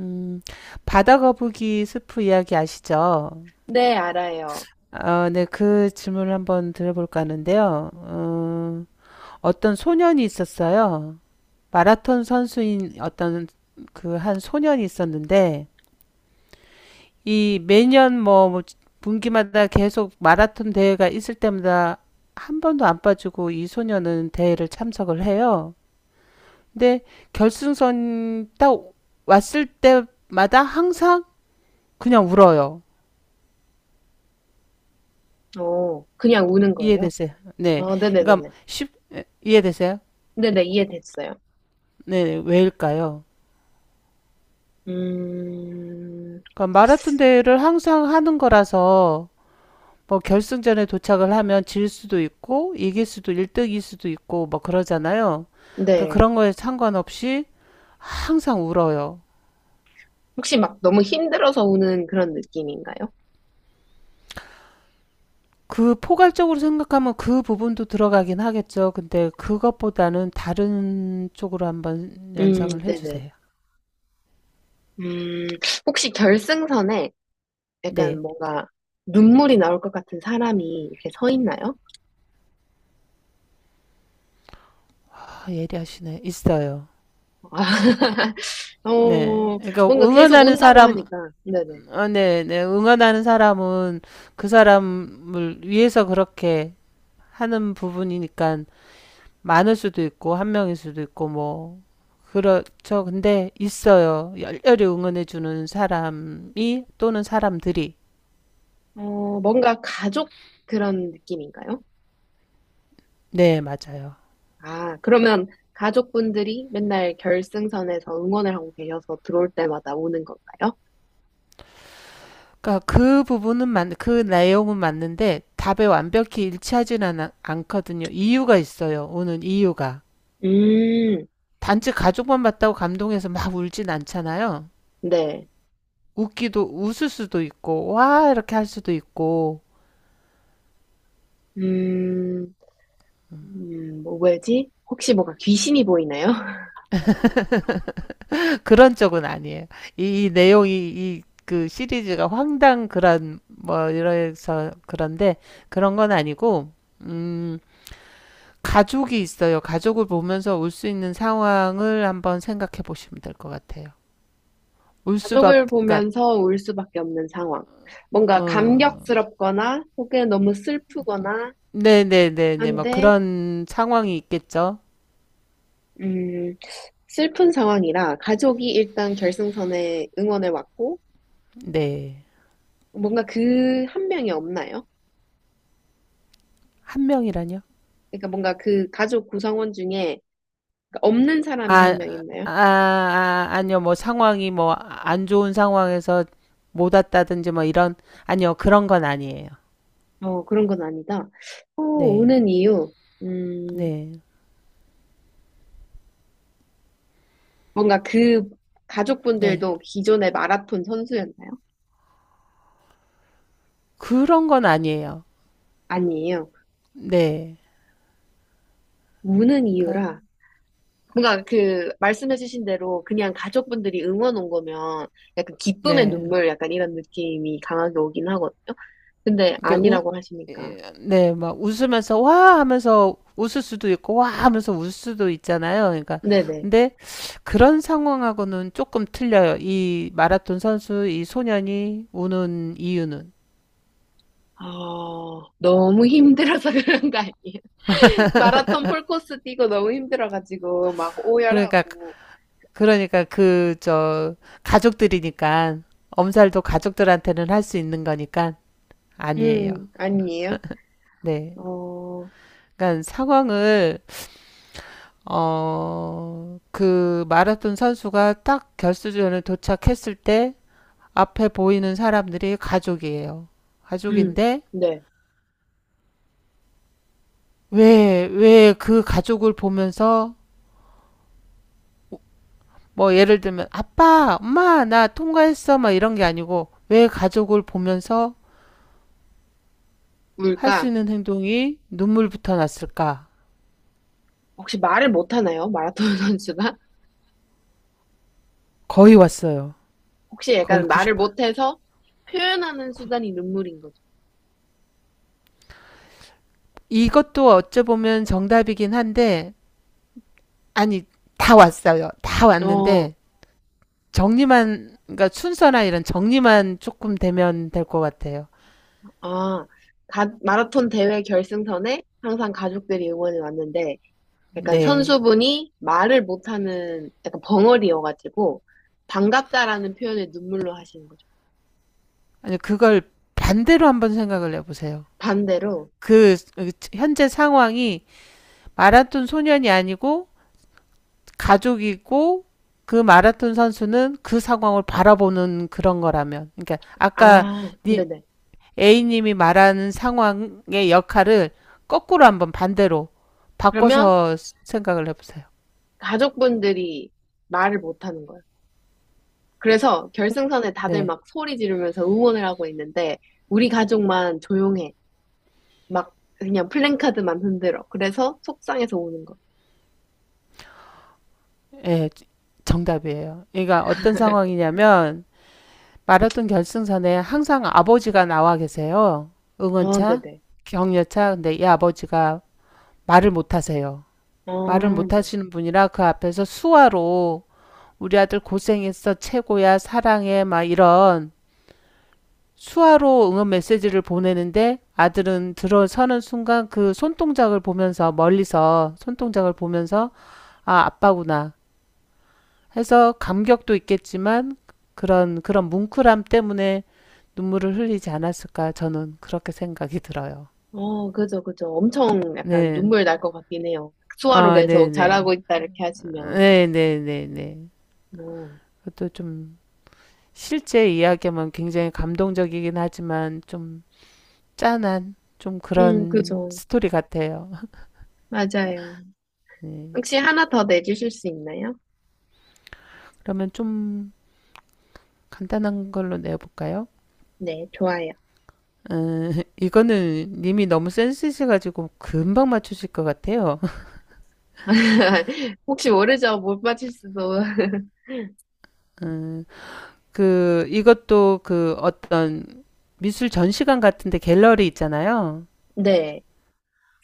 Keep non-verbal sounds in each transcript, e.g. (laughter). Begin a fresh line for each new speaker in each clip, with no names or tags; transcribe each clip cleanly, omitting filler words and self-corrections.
음, 바다 거북이 스프 이야기 아시죠?
네, 알아요.
네, 그 질문을 한번 드려볼까 하는데요. 어떤 소년이 있었어요. 마라톤 선수인 어떤 그 한 소년이 있었는데, 이 매년 뭐 분기마다 계속 마라톤 대회가 있을 때마다 한 번도 안 빠지고 이 소년은 대회를 참석을 해요. 근데 결승선 딱 왔을 때마다 항상 그냥 울어요.
그냥 우는 거예요?
이해되세요? 네.
어,
그러니까
네네네네.
쉽 이해되세요?
네네, 이해됐어요.
네, 왜일까요?
음,
그러니까 마라톤 대회를 항상 하는 거라서 뭐 결승전에 도착을 하면 질 수도 있고 이길 수도 1등일 수도 있고 뭐 그러잖아요. 그러니까
네.
그런 거에 상관없이 항상 울어요.
혹시 막 너무 힘들어서 우는 그런 느낌인가요?
그 포괄적으로 생각하면 그 부분도 들어가긴 하겠죠. 근데 그것보다는 다른 쪽으로 한번 연상을
네네.
해주세요.
음, 혹시 결승선에 약간
네.
뭔가 눈물이 나올 것 같은 사람이 이렇게 서 있나요?
아, 예리하시네. 있어요.
아, (laughs)
네.
어,
그러니까
뭔가 계속
응원하는
운다고
사람.
하니까. 네네.
아, 네, 네. 응원하는 사람은 그 사람을 위해서 그렇게 하는 부분이니까 많을 수도 있고, 한 명일 수도 있고, 뭐. 그렇죠. 근데 있어요. 열렬히 응원해주는 사람이 또는 사람들이.
뭔가 가족 그런 느낌인가요?
네, 맞아요.
아, 그러면 가족분들이 맨날 결승선에서 응원을 하고 계셔서 들어올 때마다 오는 건가요?
그러니까 그 부분은 맞, 그 내용은 맞는데 답에 완벽히 일치하진 않, 않거든요. 이유가 있어요. 오는 이유가.
음,
단지 가족만 봤다고 감동해서 막 울진 않잖아요.
네.
웃기도 웃을 수도 있고 와 이렇게 할 수도 있고
음, 뭐 왜지? 혹시 뭔가 귀신이 보이나요? (laughs)
그런 쪽은 아니에요. 이 내용이 이 그 시리즈가 황당 그런 뭐 이래서 그런데 그런 건 아니고 음 가족이 있어요. 가족을 보면서 울 수 있는 상황을 한번 생각해 보시면 될 것 같아요. 울
가족을
수밖에 그러니까
보면서 울 수밖에 없는 상황. 뭔가
어
감격스럽거나 혹은 너무 슬프거나
네네네네 뭐
한데,
그런 상황이 있겠죠.
음, 슬픈 상황이라 가족이 일단 결승선에 응원을 왔고,
네.
뭔가 그 한 명이 없나요?
한 명이라뇨?
그러니까 뭔가 그 가족 구성원 중에 그러니까 없는 사람이 한
아
명 있나요?
아니요. 뭐 상황이 뭐 안 좋은 상황에 못 왔다든지 뭐 이런 아니요. 그런 건 아니에요.
그런 건 아니다.
네.
오는 이유, 음,
네.
뭔가 그
네.
가족분들도 기존의 마라톤 선수였나요?
그런 건 아니에요.
아니에요.
네.
우는 이유라,
그러니까
뭔가 그 말씀해주신 대로 그냥 가족분들이 응원 온 거면 약간 기쁨의
네.
눈물 약간 이런 느낌이 강하게 오긴 하거든요. 근데
이렇게 웃
아니라고 하시니까.
예 네. 막 웃으면서 "와." 하면서 웃을 수도 있고 "와." 하면서 울 수도 있잖아요. 그러니까
네네.
근데 그런 상황하고는 조금 틀려요. 이 마라톤 선수 이 소년이 우는 이유는.
아, 너무 힘들어서 (laughs) 그런 거 아니에요? 마라톤
(laughs)
풀코스 뛰고 너무 힘들어가지고 막
그러니까
오열하고.
그러니까 그 저 가족들이니까 엄살도 가족들한테는 할 수 있는 거니까 아니에요.
아니에요.
네.
어,
그러니까 상황을 어 그 마라톤 선수가 딱 결승전에 도착했을 때 앞에 보이는 사람들이 가족이에요.
음,
가족인데
네.
왜 그 가족을 보면서 뭐 예를 들면 아빠, 엄마 나 통과했어 막 이런 게 아니고 왜 가족을 보면서 할 수
뭘까?
있는 행동이 눈물부터 났을까?
혹시 말을 못하나요? 마라톤 (laughs) 선수가?
거의 왔어요.
혹시
거의
약간 말을
90판.
못해서 표현하는 수단이 눈물인 거죠?
이것도 어찌 보면 정답이긴 한데 아니 다 왔어요. 다
어,
왔는데 정리만 그러니까 순서나 이런 정리만 조금 되면 될 것 같아요.
아, 마라톤 대회 결승선에 항상 가족들이 응원을 왔는데, 약간
네.
선수분이 말을 못하는 약간 벙어리여가지고, 반갑다라는 표현을 눈물로 하시는 거죠.
아니 그걸 반대로 한번 생각을 해보세요.
반대로,
그 현재 상황이 마라톤 소년이 아니고 가족이고 그 마라톤 선수는 그 상황을 바라보는 그런 거라면, 그러니까 아까
아,
니,
네네.
A님이 말하는 상황의 역할을 거꾸로 한번 반대로
그러면
바꿔서 생각을 해보세요.
가족분들이 말을 못하는 거예요. 그래서 결승선에 다들
네,
막 소리 지르면서 응원을 하고 있는데 우리 가족만 조용해. 막 그냥 플랜카드만 흔들어. 그래서 속상해서 우는 거.
네, 정답이에요. 그러니까 어떤 상황이냐면 마라톤 결승선에 항상 아버지가 나와 계세요.
아,
응원차,
네네.
격려차. 근데 이 아버지가 말을 못 하세요. 말을
아,
못
네.
하시는 분이라 그 앞에서 수화로 우리 아들 고생했어, 최고야, 사랑해, 막 이런 수화로 응원 메시지를 보내는데 아들은 들어서는 순간 그 손동작을 보면서 멀리서 손동작을 보면서 아 아빠구나 해서 감격도 있겠지만 그런 뭉클함 때문에 눈물을 흘리지 않았을까 저는 그렇게 생각이 들어요.
그죠, 그죠. 엄청 약간
네.
눈물 날 것 같긴 해요. 수화로
아,
계속
네네.
잘하고 있다 이렇게 하시면.
네네네네.
어.
그것도 좀 실제 이야기면 굉장히 감동적이긴 하지만 좀 짠한 좀 그런
그죠.
스토리 같아요.
맞아요.
(laughs) 네.
혹시 하나 더 내주실 수 있나요?
그러면 좀 간단한 걸로 내볼까요?
네, 좋아요.
음, 이거는 님이 너무 센스 있어가지고 금방 맞추실 것 같아요.
(laughs) 혹시 모르죠? 못 맞힐 수도. (laughs)
음, 그, 이것도 그 어떤 미술 전시관 같은데 갤러리 있잖아요.
네,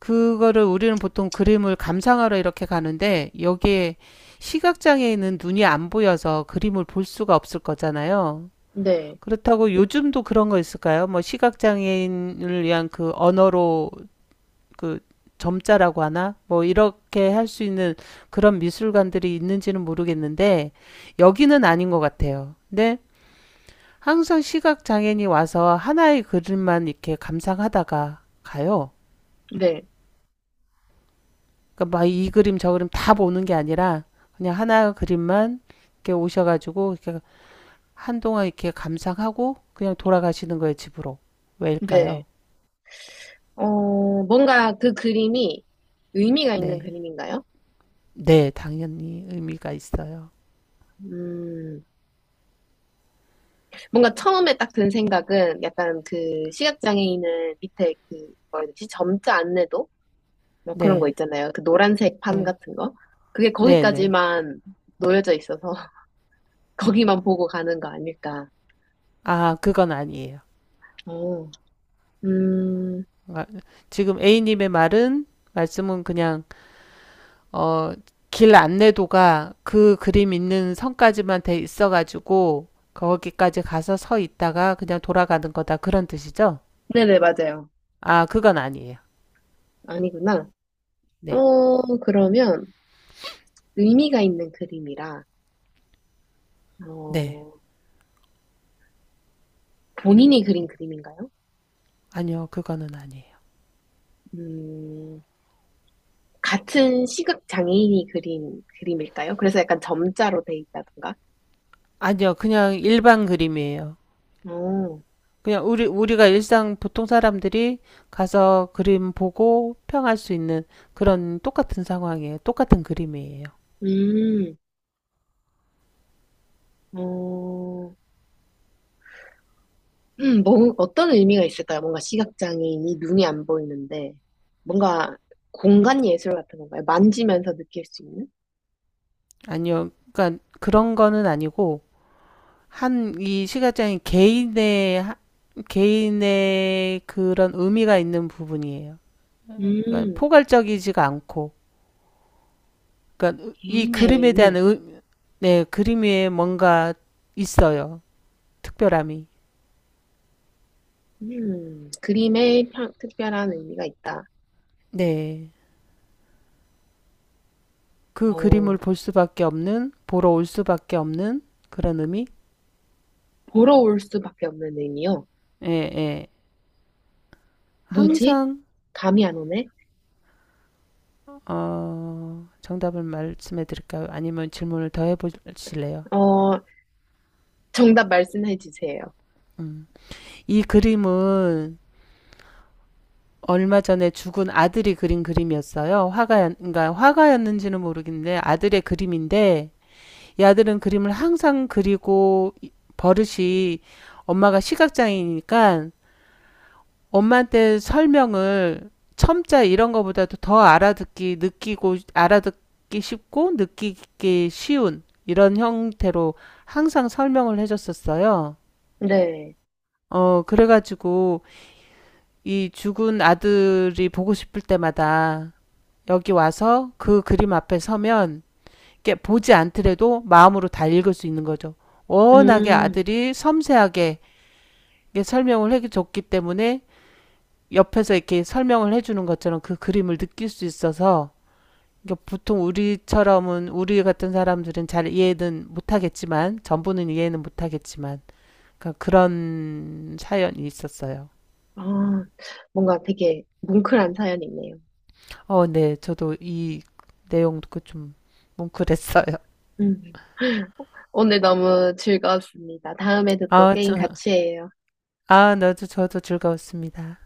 그거를 우리는 보통 그림을 감상하러 이렇게 가는데 여기에 시각장애인은 눈이 안 보여서 그림을 볼 수가 없을 거잖아요.
네,
그렇다고 요즘도 그런 거 있을까요? 뭐 시각장애인을 위한 그 언어로 그 점자라고 하나? 뭐 이렇게 할 수 있는 그런 미술관들이 있는지는 모르겠는데 여기는 아닌 것 같아요. 근데 항상 시각 장애인이 와서 하나의 그림만 이렇게 감상하다가 가요.
네,
그러니까 막 이 그림 저 그림 다 보는 게 아니라 그냥 하나 그림만 이렇게 오셔가지고 이렇게 한동안 이렇게 감상하고 그냥 돌아가시는 거예요 집으로. 왜일까요?
네. 뭔가 그 그림이 의미가 있는
네,
그림인가요?
네 당연히 의미가 있어요.
음, 뭔가 처음에 딱 든 생각은 약간 그 시각장애인은 밑에 그, 뭐라 해야 되지? 점자 안내도? 뭐 그런 거
네,
있잖아요. 그 노란색 판
네,
같은 거. 그게
네, 네.
거기까지만 놓여져 있어서 (laughs) 거기만 보고 가는 거 아닐까.
아, 그건 아니에요.
어, 음,
아, 지금 A님의 말은, 말씀은 그냥, 어, 길 안내도가 그 그림 있는 선까지만 돼 있어가지고, 거기까지 가서 서 있다가 그냥 돌아가는 거다. 그런 뜻이죠?
네네, 맞아요.
아, 그건 아니에요.
아니구나.
네.
그러면 의미가 있는 그림이라,
네.
어, 본인이 그린 그림인가요?
아니요, 그거는 아니에요.
음, 같은 시각 장애인이 그린 그림일까요? 그래서 약간 점자로 돼 있다던가?
아니요, 그냥 일반 그림이에요.
어,
그냥 우리가 일상 보통 사람들이 가서 그림 보고 평할 수 있는 그런 똑같은 상황이에요. 똑같은 그림이에요.
음, 어, 뭐, 어떤 의미가 있을까요? 뭔가 시각 장애인이 눈이 안 보이는데, 뭔가 공간 예술 같은 건가요? 만지면서 느낄 수 있는?
아니요. 그러니까 그런 거는 아니고 한 이 시각장애 개인의 그런 의미가 있는 부분이에요. 그러니까
음,
포괄적이지가 않고 그러니까 이
개인의
그림에 대한
의미.
의, 네, 그림 위에 뭔가 있어요. 특별함이.
그림에 특별한 의미가 있다.
네. 그 그림을
어,
볼 수밖에 없는 보러 올 수밖에 없는 그런 의미?
보러 올 수밖에 없는 의미요.
예, 예.
뭐지?
항상
감이 안 오네?
정답을 말씀해 드릴까요? 아니면 질문을 더 해보실래요?
어, 정답 말씀해 주세요.
음. 이 그림은 얼마 전에 죽은 아들이 그린 그림이었어요. 화가였, 그러니까 화가였는지는 모르겠는데 아들의 그림인데 이 아들은 그림을 항상 그리고 버릇이 엄마가 시각장애니까 이 엄마한테 설명을 첨자 이런 거보다도 더 알아듣기, 느끼고, 알아듣기 쉽고 느끼기 쉬운 이런 형태로 항상 설명을 해줬었어요.
네.
그래가지고 이 죽은 아들이 보고 싶을 때마다 여기 와서 그 그림 앞에 서면 이렇게 보지 않더라도 마음으로 다 읽을 수 있는 거죠. 워낙에
음.
아들이 섬세하게 이게 설명을 해줬기 때문에 옆에서 이렇게 설명을 해주는 것처럼 그 그림을 느낄 수 있어서 그러니까 보통 우리처럼은 우리 같은 사람들은 잘 이해는 못하겠지만 전부는 이해는 못하겠지만 그러니까 그런 사연이 있었어요.
아, 뭔가 되게 뭉클한 사연이네요.
어, 네. 저도 이 내용 듣고 좀 뭉클했어요.
음. 오늘 너무 즐거웠습니다. 다음에도 또
아,
게임
저,
같이 해요.
아, 나도 저도 즐거웠습니다.